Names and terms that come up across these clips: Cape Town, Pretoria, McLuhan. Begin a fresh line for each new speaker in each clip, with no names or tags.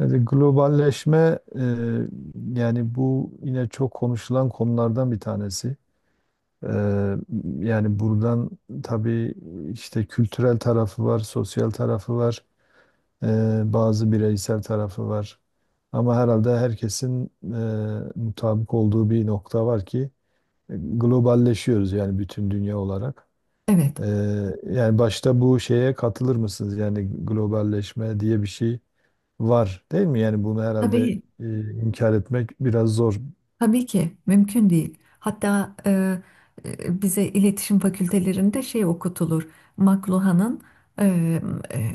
Yani globalleşme yani bu yine çok konuşulan konulardan bir tanesi. E, Yani buradan tabii işte kültürel tarafı var, sosyal tarafı var, bazı bireysel tarafı var. Ama herhalde herkesin mutabık olduğu bir nokta var ki globalleşiyoruz yani bütün dünya olarak.
Evet,
E, Yani başta bu şeye katılır mısınız? Yani globalleşme diye bir şey var değil mi? Yani bunu herhalde
tabii,
inkar etmek biraz zor.
tabii ki mümkün değil. Hatta bize iletişim fakültelerinde şey okutulur. McLuhan'ın e, e,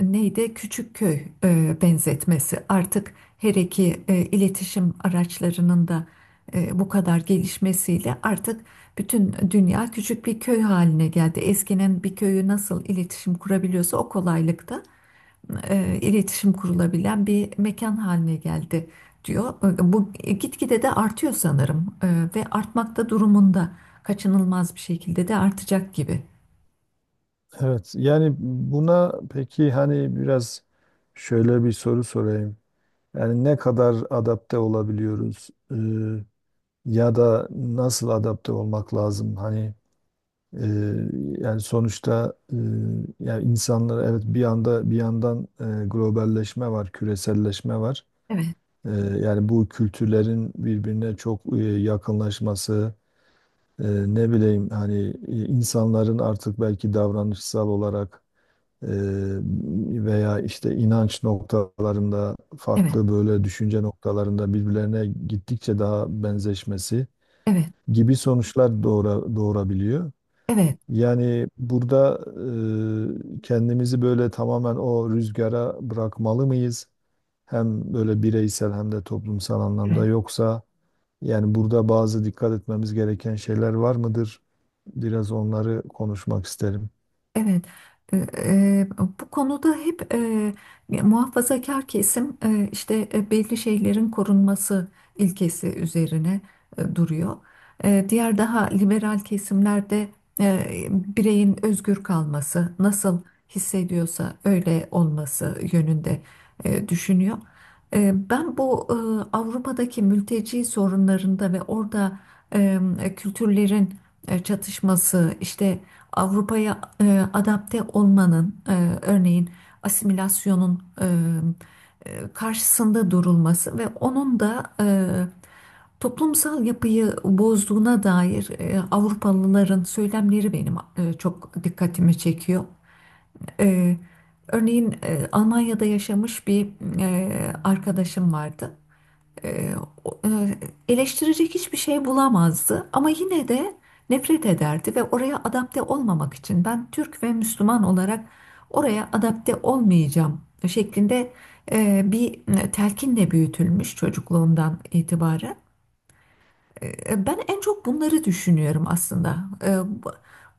neydi? Küçük köy benzetmesi. Artık her iki iletişim araçlarının da bu kadar gelişmesiyle artık bütün dünya küçük bir köy haline geldi. Eskinin bir köyü nasıl iletişim kurabiliyorsa o kolaylıkta iletişim kurulabilen bir mekan haline geldi diyor. Bu gitgide de artıyor sanırım, ve artmakta durumunda kaçınılmaz bir şekilde de artacak gibi.
Evet, yani buna peki hani biraz şöyle bir soru sorayım. Yani ne kadar adapte olabiliyoruz, ya da nasıl adapte olmak lazım? E, yani sonuçta yani insanlar evet bir anda bir yandan, globalleşme var, küreselleşme var.
Evet,
E, Yani bu kültürlerin birbirine çok yakınlaşması, E, ne bileyim hani insanların artık belki davranışsal olarak e, veya işte inanç noktalarında
evet,
farklı böyle düşünce noktalarında birbirlerine gittikçe daha benzeşmesi
evet,
gibi sonuçlar doğurabiliyor.
evet.
Yani burada kendimizi böyle tamamen o rüzgara bırakmalı mıyız? Hem böyle bireysel hem de toplumsal anlamda,
Evet.
yoksa yani burada bazı dikkat etmemiz gereken şeyler var mıdır? Biraz onları konuşmak isterim.
Evet, e, e, bu konuda hep muhafazakar kesim işte belli şeylerin korunması ilkesi üzerine duruyor. E, diğer daha liberal kesimlerde e, bireyin özgür kalması, nasıl hissediyorsa öyle olması yönünde düşünüyor. Ben bu Avrupa'daki mülteci sorunlarında ve orada e, kültürlerin çatışması, işte Avrupa'ya adapte olmanın, örneğin asimilasyonun karşısında durulması ve onun da toplumsal yapıyı bozduğuna dair Avrupalıların söylemleri benim çok dikkatimi çekiyor. E, örneğin Almanya'da yaşamış bir e, arkadaşım vardı, e, o- e, eleştirecek hiçbir şey bulamazdı ama yine de nefret ederdi ve oraya adapte olmamak için ben Türk ve Müslüman olarak oraya adapte olmayacağım şeklinde bir telkinle büyütülmüş çocukluğundan itibaren. Ben en çok bunları düşünüyorum aslında. E, bu,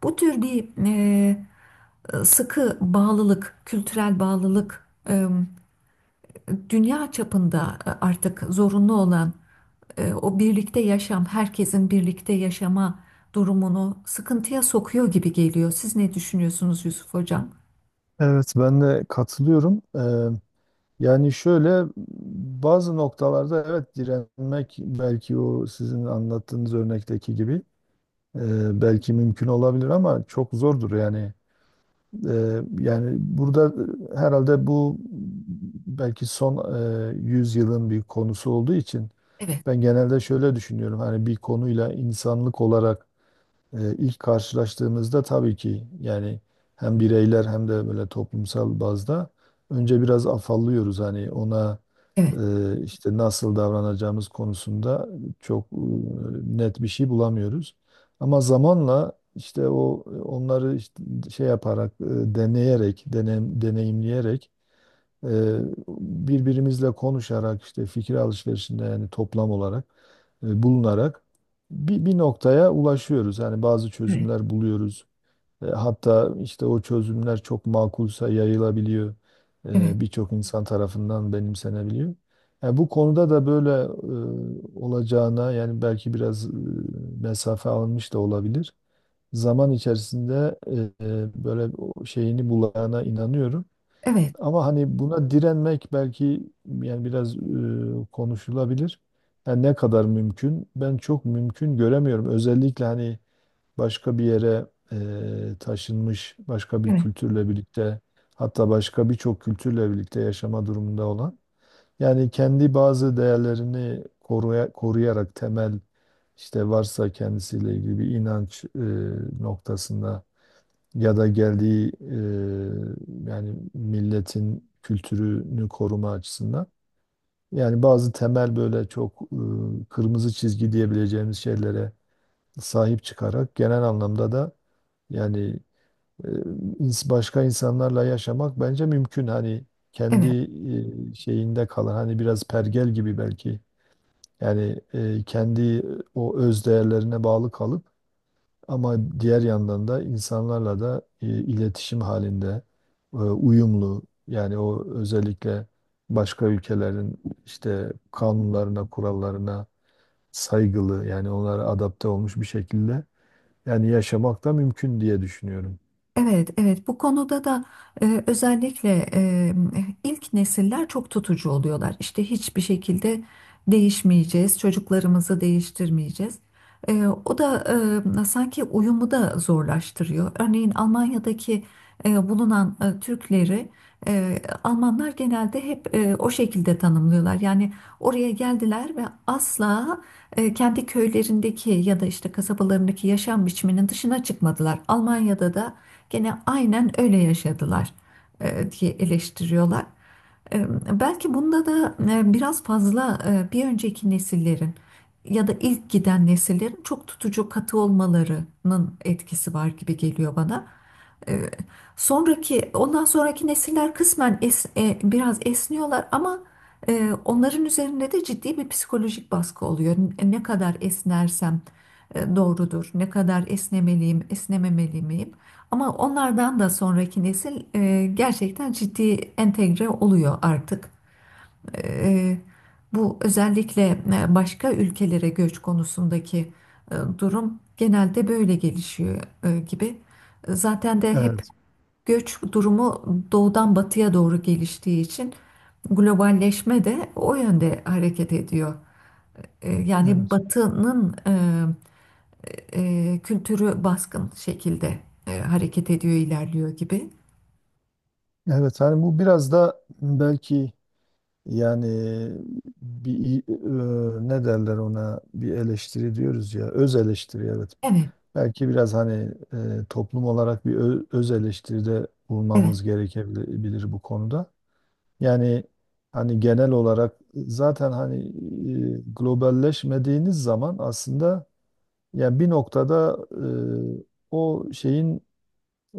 bu tür bir sıkı bağlılık, kültürel bağlılık dünya çapında artık zorunlu olan o birlikte yaşam, herkesin birlikte yaşama durumunu sıkıntıya sokuyor gibi geliyor. Siz ne düşünüyorsunuz Yusuf Hocam?
Evet, ben de katılıyorum. Yani şöyle bazı noktalarda evet direnmek belki o sizin anlattığınız örnekteki gibi belki mümkün olabilir ama çok zordur yani. Yani burada herhalde bu belki son e, 100 yılın bir konusu olduğu için
Evet,
ben genelde şöyle düşünüyorum. Hani bir konuyla insanlık olarak ilk karşılaştığımızda tabii ki yani hem bireyler hem de böyle toplumsal bazda önce biraz afallıyoruz, hani ona
evet,
işte nasıl davranacağımız konusunda çok net bir şey bulamıyoruz. Ama zamanla işte o onları işte şey yaparak, deneyerek, deneyimleyerek, ee, birbirimizle konuşarak işte fikir alışverişinde, yani toplam olarak bulunarak bir noktaya ulaşıyoruz. Yani bazı
evet,
çözümler buluyoruz. Hatta işte o çözümler çok makulsa yayılabiliyor.
evet,
Birçok insan tarafından benimsenebiliyor. Yani bu konuda da böyle olacağına, yani belki biraz mesafe alınmış da olabilir. Zaman içerisinde böyle o şeyini bulana inanıyorum.
evet,
Ama hani buna direnmek belki yani biraz konuşulabilir. Yani ne kadar mümkün? Ben çok mümkün göremiyorum. Özellikle hani başka bir yere taşınmış, başka bir
evet,
kültürle birlikte, hatta başka birçok kültürle birlikte yaşama durumunda olan. Yani kendi bazı değerlerini koruyarak temel, işte varsa kendisiyle ilgili bir inanç noktasında ya da geldiği yani milletin kültürünü koruma açısından. Yani bazı temel böyle çok kırmızı çizgi diyebileceğimiz şeylere sahip çıkarak genel anlamda da yani e, başka insanlarla yaşamak bence mümkün. Hani kendi
evet.
şeyinde kalan, hani biraz pergel gibi belki. Yani kendi o öz değerlerine bağlı kalıp ama diğer yandan da insanlarla da iletişim halinde, uyumlu, yani o özellikle başka ülkelerin işte kanunlarına, kurallarına saygılı, yani onlara adapte olmuş bir şekilde yani yaşamak da mümkün diye düşünüyorum.
Evet, evet. Bu konuda da özellikle ilk nesiller çok tutucu oluyorlar. İşte hiçbir şekilde değişmeyeceğiz, çocuklarımızı değiştirmeyeceğiz. E, o da sanki uyumu da zorlaştırıyor. Örneğin Almanya'daki bulunan Türkleri e, Almanlar genelde hep o şekilde tanımlıyorlar. Yani oraya geldiler ve asla kendi köylerindeki ya da işte kasabalarındaki yaşam biçiminin dışına çıkmadılar. Almanya'da da gene aynen öyle yaşadılar diye eleştiriyorlar. E, Belki bunda da biraz fazla bir önceki nesillerin ya da ilk giden nesillerin çok tutucu katı olmalarının etkisi var gibi geliyor bana. E, sonraki, ondan sonraki nesiller kısmen biraz esniyorlar ama onların üzerinde de ciddi bir psikolojik baskı oluyor. Ne kadar esnersem doğrudur, ne kadar esnemeliyim, esnememeli miyim? Ama onlardan da sonraki nesil gerçekten ciddi entegre oluyor artık. E, e, Bu özellikle başka ülkelere göç konusundaki durum genelde böyle gelişiyor gibi. Zaten de hep
Evet,
göç durumu doğudan batıya doğru geliştiği için globalleşme de o yönde hareket ediyor. Yani
evet.
batının kültürü baskın şekilde hareket ediyor, ilerliyor gibi.
Evet, hani bu biraz da belki yani bir, ne derler ona, bir eleştiri diyoruz ya, öz eleştiri, evet.
Evet,
Belki biraz hani toplum olarak bir öz eleştiride
evet,
bulunmamız gerekebilir bu konuda. Yani hani genel olarak zaten hani globalleşmediğiniz zaman aslında yani bir noktada e, o şeyin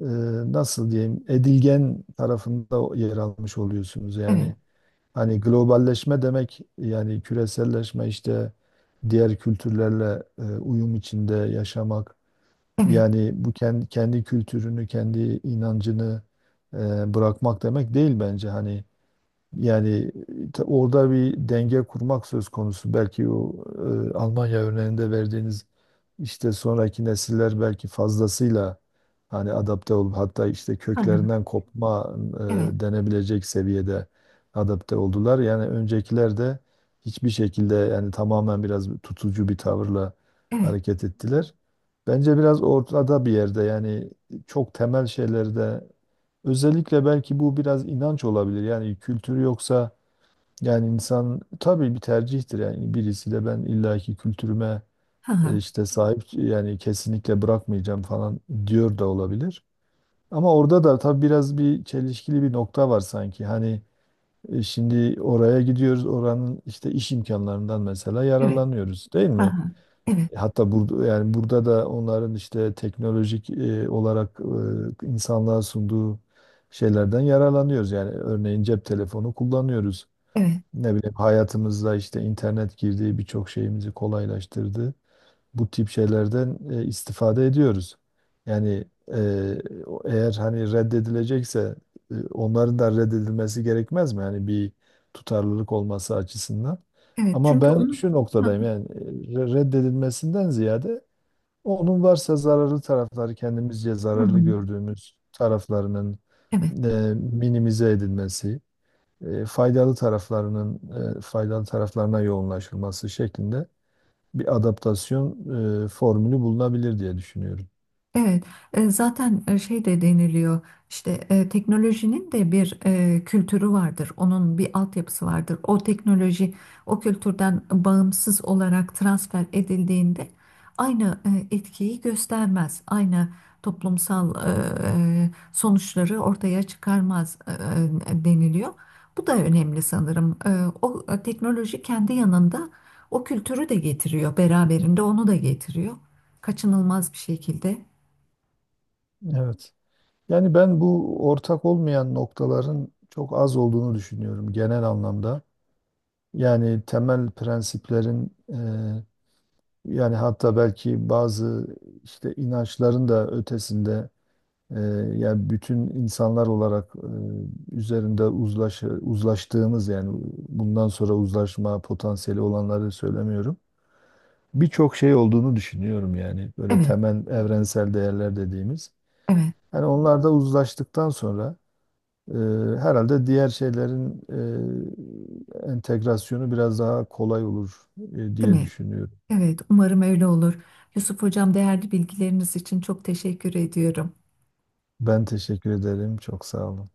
e, nasıl diyeyim edilgen tarafında yer almış oluyorsunuz. Yani
evet,
hani globalleşme demek, yani küreselleşme, işte diğer kültürlerle uyum içinde yaşamak,
evet,
yani bu kendi kültürünü, kendi inancını bırakmak demek değil bence. Hani yani orada bir denge kurmak söz konusu. Belki o Almanya örneğinde verdiğiniz işte sonraki nesiller belki fazlasıyla hani adapte olup hatta işte
hı hı,
köklerinden kopma
evet,
denebilecek seviyede adapte oldular. Yani öncekiler de hiçbir şekilde yani tamamen biraz tutucu bir tavırla
evet,
hareket ettiler. Bence biraz ortada bir yerde yani çok temel şeylerde. Özellikle belki bu biraz inanç olabilir. Yani kültürü yoksa yani insan, tabii bir tercihtir. Yani birisi de ben illaki kültürüme
hı hı,
işte sahip yani kesinlikle bırakmayacağım falan diyor da olabilir. Ama orada da tabii biraz bir çelişkili bir nokta var sanki. Hani şimdi oraya gidiyoruz, oranın işte iş imkanlarından mesela
evet,
yararlanıyoruz değil
hı
mi?
hı, evet,
Hatta burada, yani burada da onların işte teknolojik olarak insanlığa sunduğu şeylerden yararlanıyoruz. Yani örneğin cep telefonu kullanıyoruz.
evet,
Ne bileyim hayatımızda işte internet girdiği birçok şeyimizi kolaylaştırdı, bu tip şeylerden istifade ediyoruz. Yani e, eğer hani reddedilecekse onların da reddedilmesi gerekmez mi? Yani bir tutarlılık olması açısından.
evet.
Ama
Çünkü
ben
onun...
şu
Hı
noktadayım,
hı,
yani reddedilmesinden ziyade onun varsa zararlı tarafları, kendimizce
hı
zararlı
hı,
gördüğümüz taraflarının
evet.
e, minimize edilmesi, faydalı taraflarının, faydalı taraflarına yoğunlaşılması şeklinde bir adaptasyon formülü bulunabilir diye düşünüyorum.
Evet, zaten şey de deniliyor işte teknolojinin de bir kültürü vardır, onun bir altyapısı vardır. O teknoloji o kültürden bağımsız olarak transfer edildiğinde aynı etkiyi göstermez, aynı toplumsal sonuçları ortaya çıkarmaz deniliyor. Bu da önemli sanırım. E, o teknoloji kendi yanında o kültürü de getiriyor, beraberinde onu da getiriyor. Kaçınılmaz bir şekilde.
Evet. Yani ben bu ortak olmayan noktaların çok az olduğunu düşünüyorum genel anlamda. Yani temel prensiplerin, yani hatta belki bazı işte inançların da ötesinde, e, yani bütün insanlar olarak üzerinde uzlaştığımız, yani bundan sonra uzlaşma potansiyeli olanları söylemiyorum, birçok şey olduğunu düşünüyorum yani. Böyle
Evet,
temel evrensel değerler dediğimiz.
evet,
Hani onlar da uzlaştıktan sonra e, herhalde diğer şeylerin entegrasyonu biraz daha kolay olur
değil
diye
mi?
düşünüyorum.
Evet, umarım öyle olur. Yusuf Hocam değerli bilgileriniz için çok teşekkür ediyorum.
Ben teşekkür ederim. Çok sağ olun.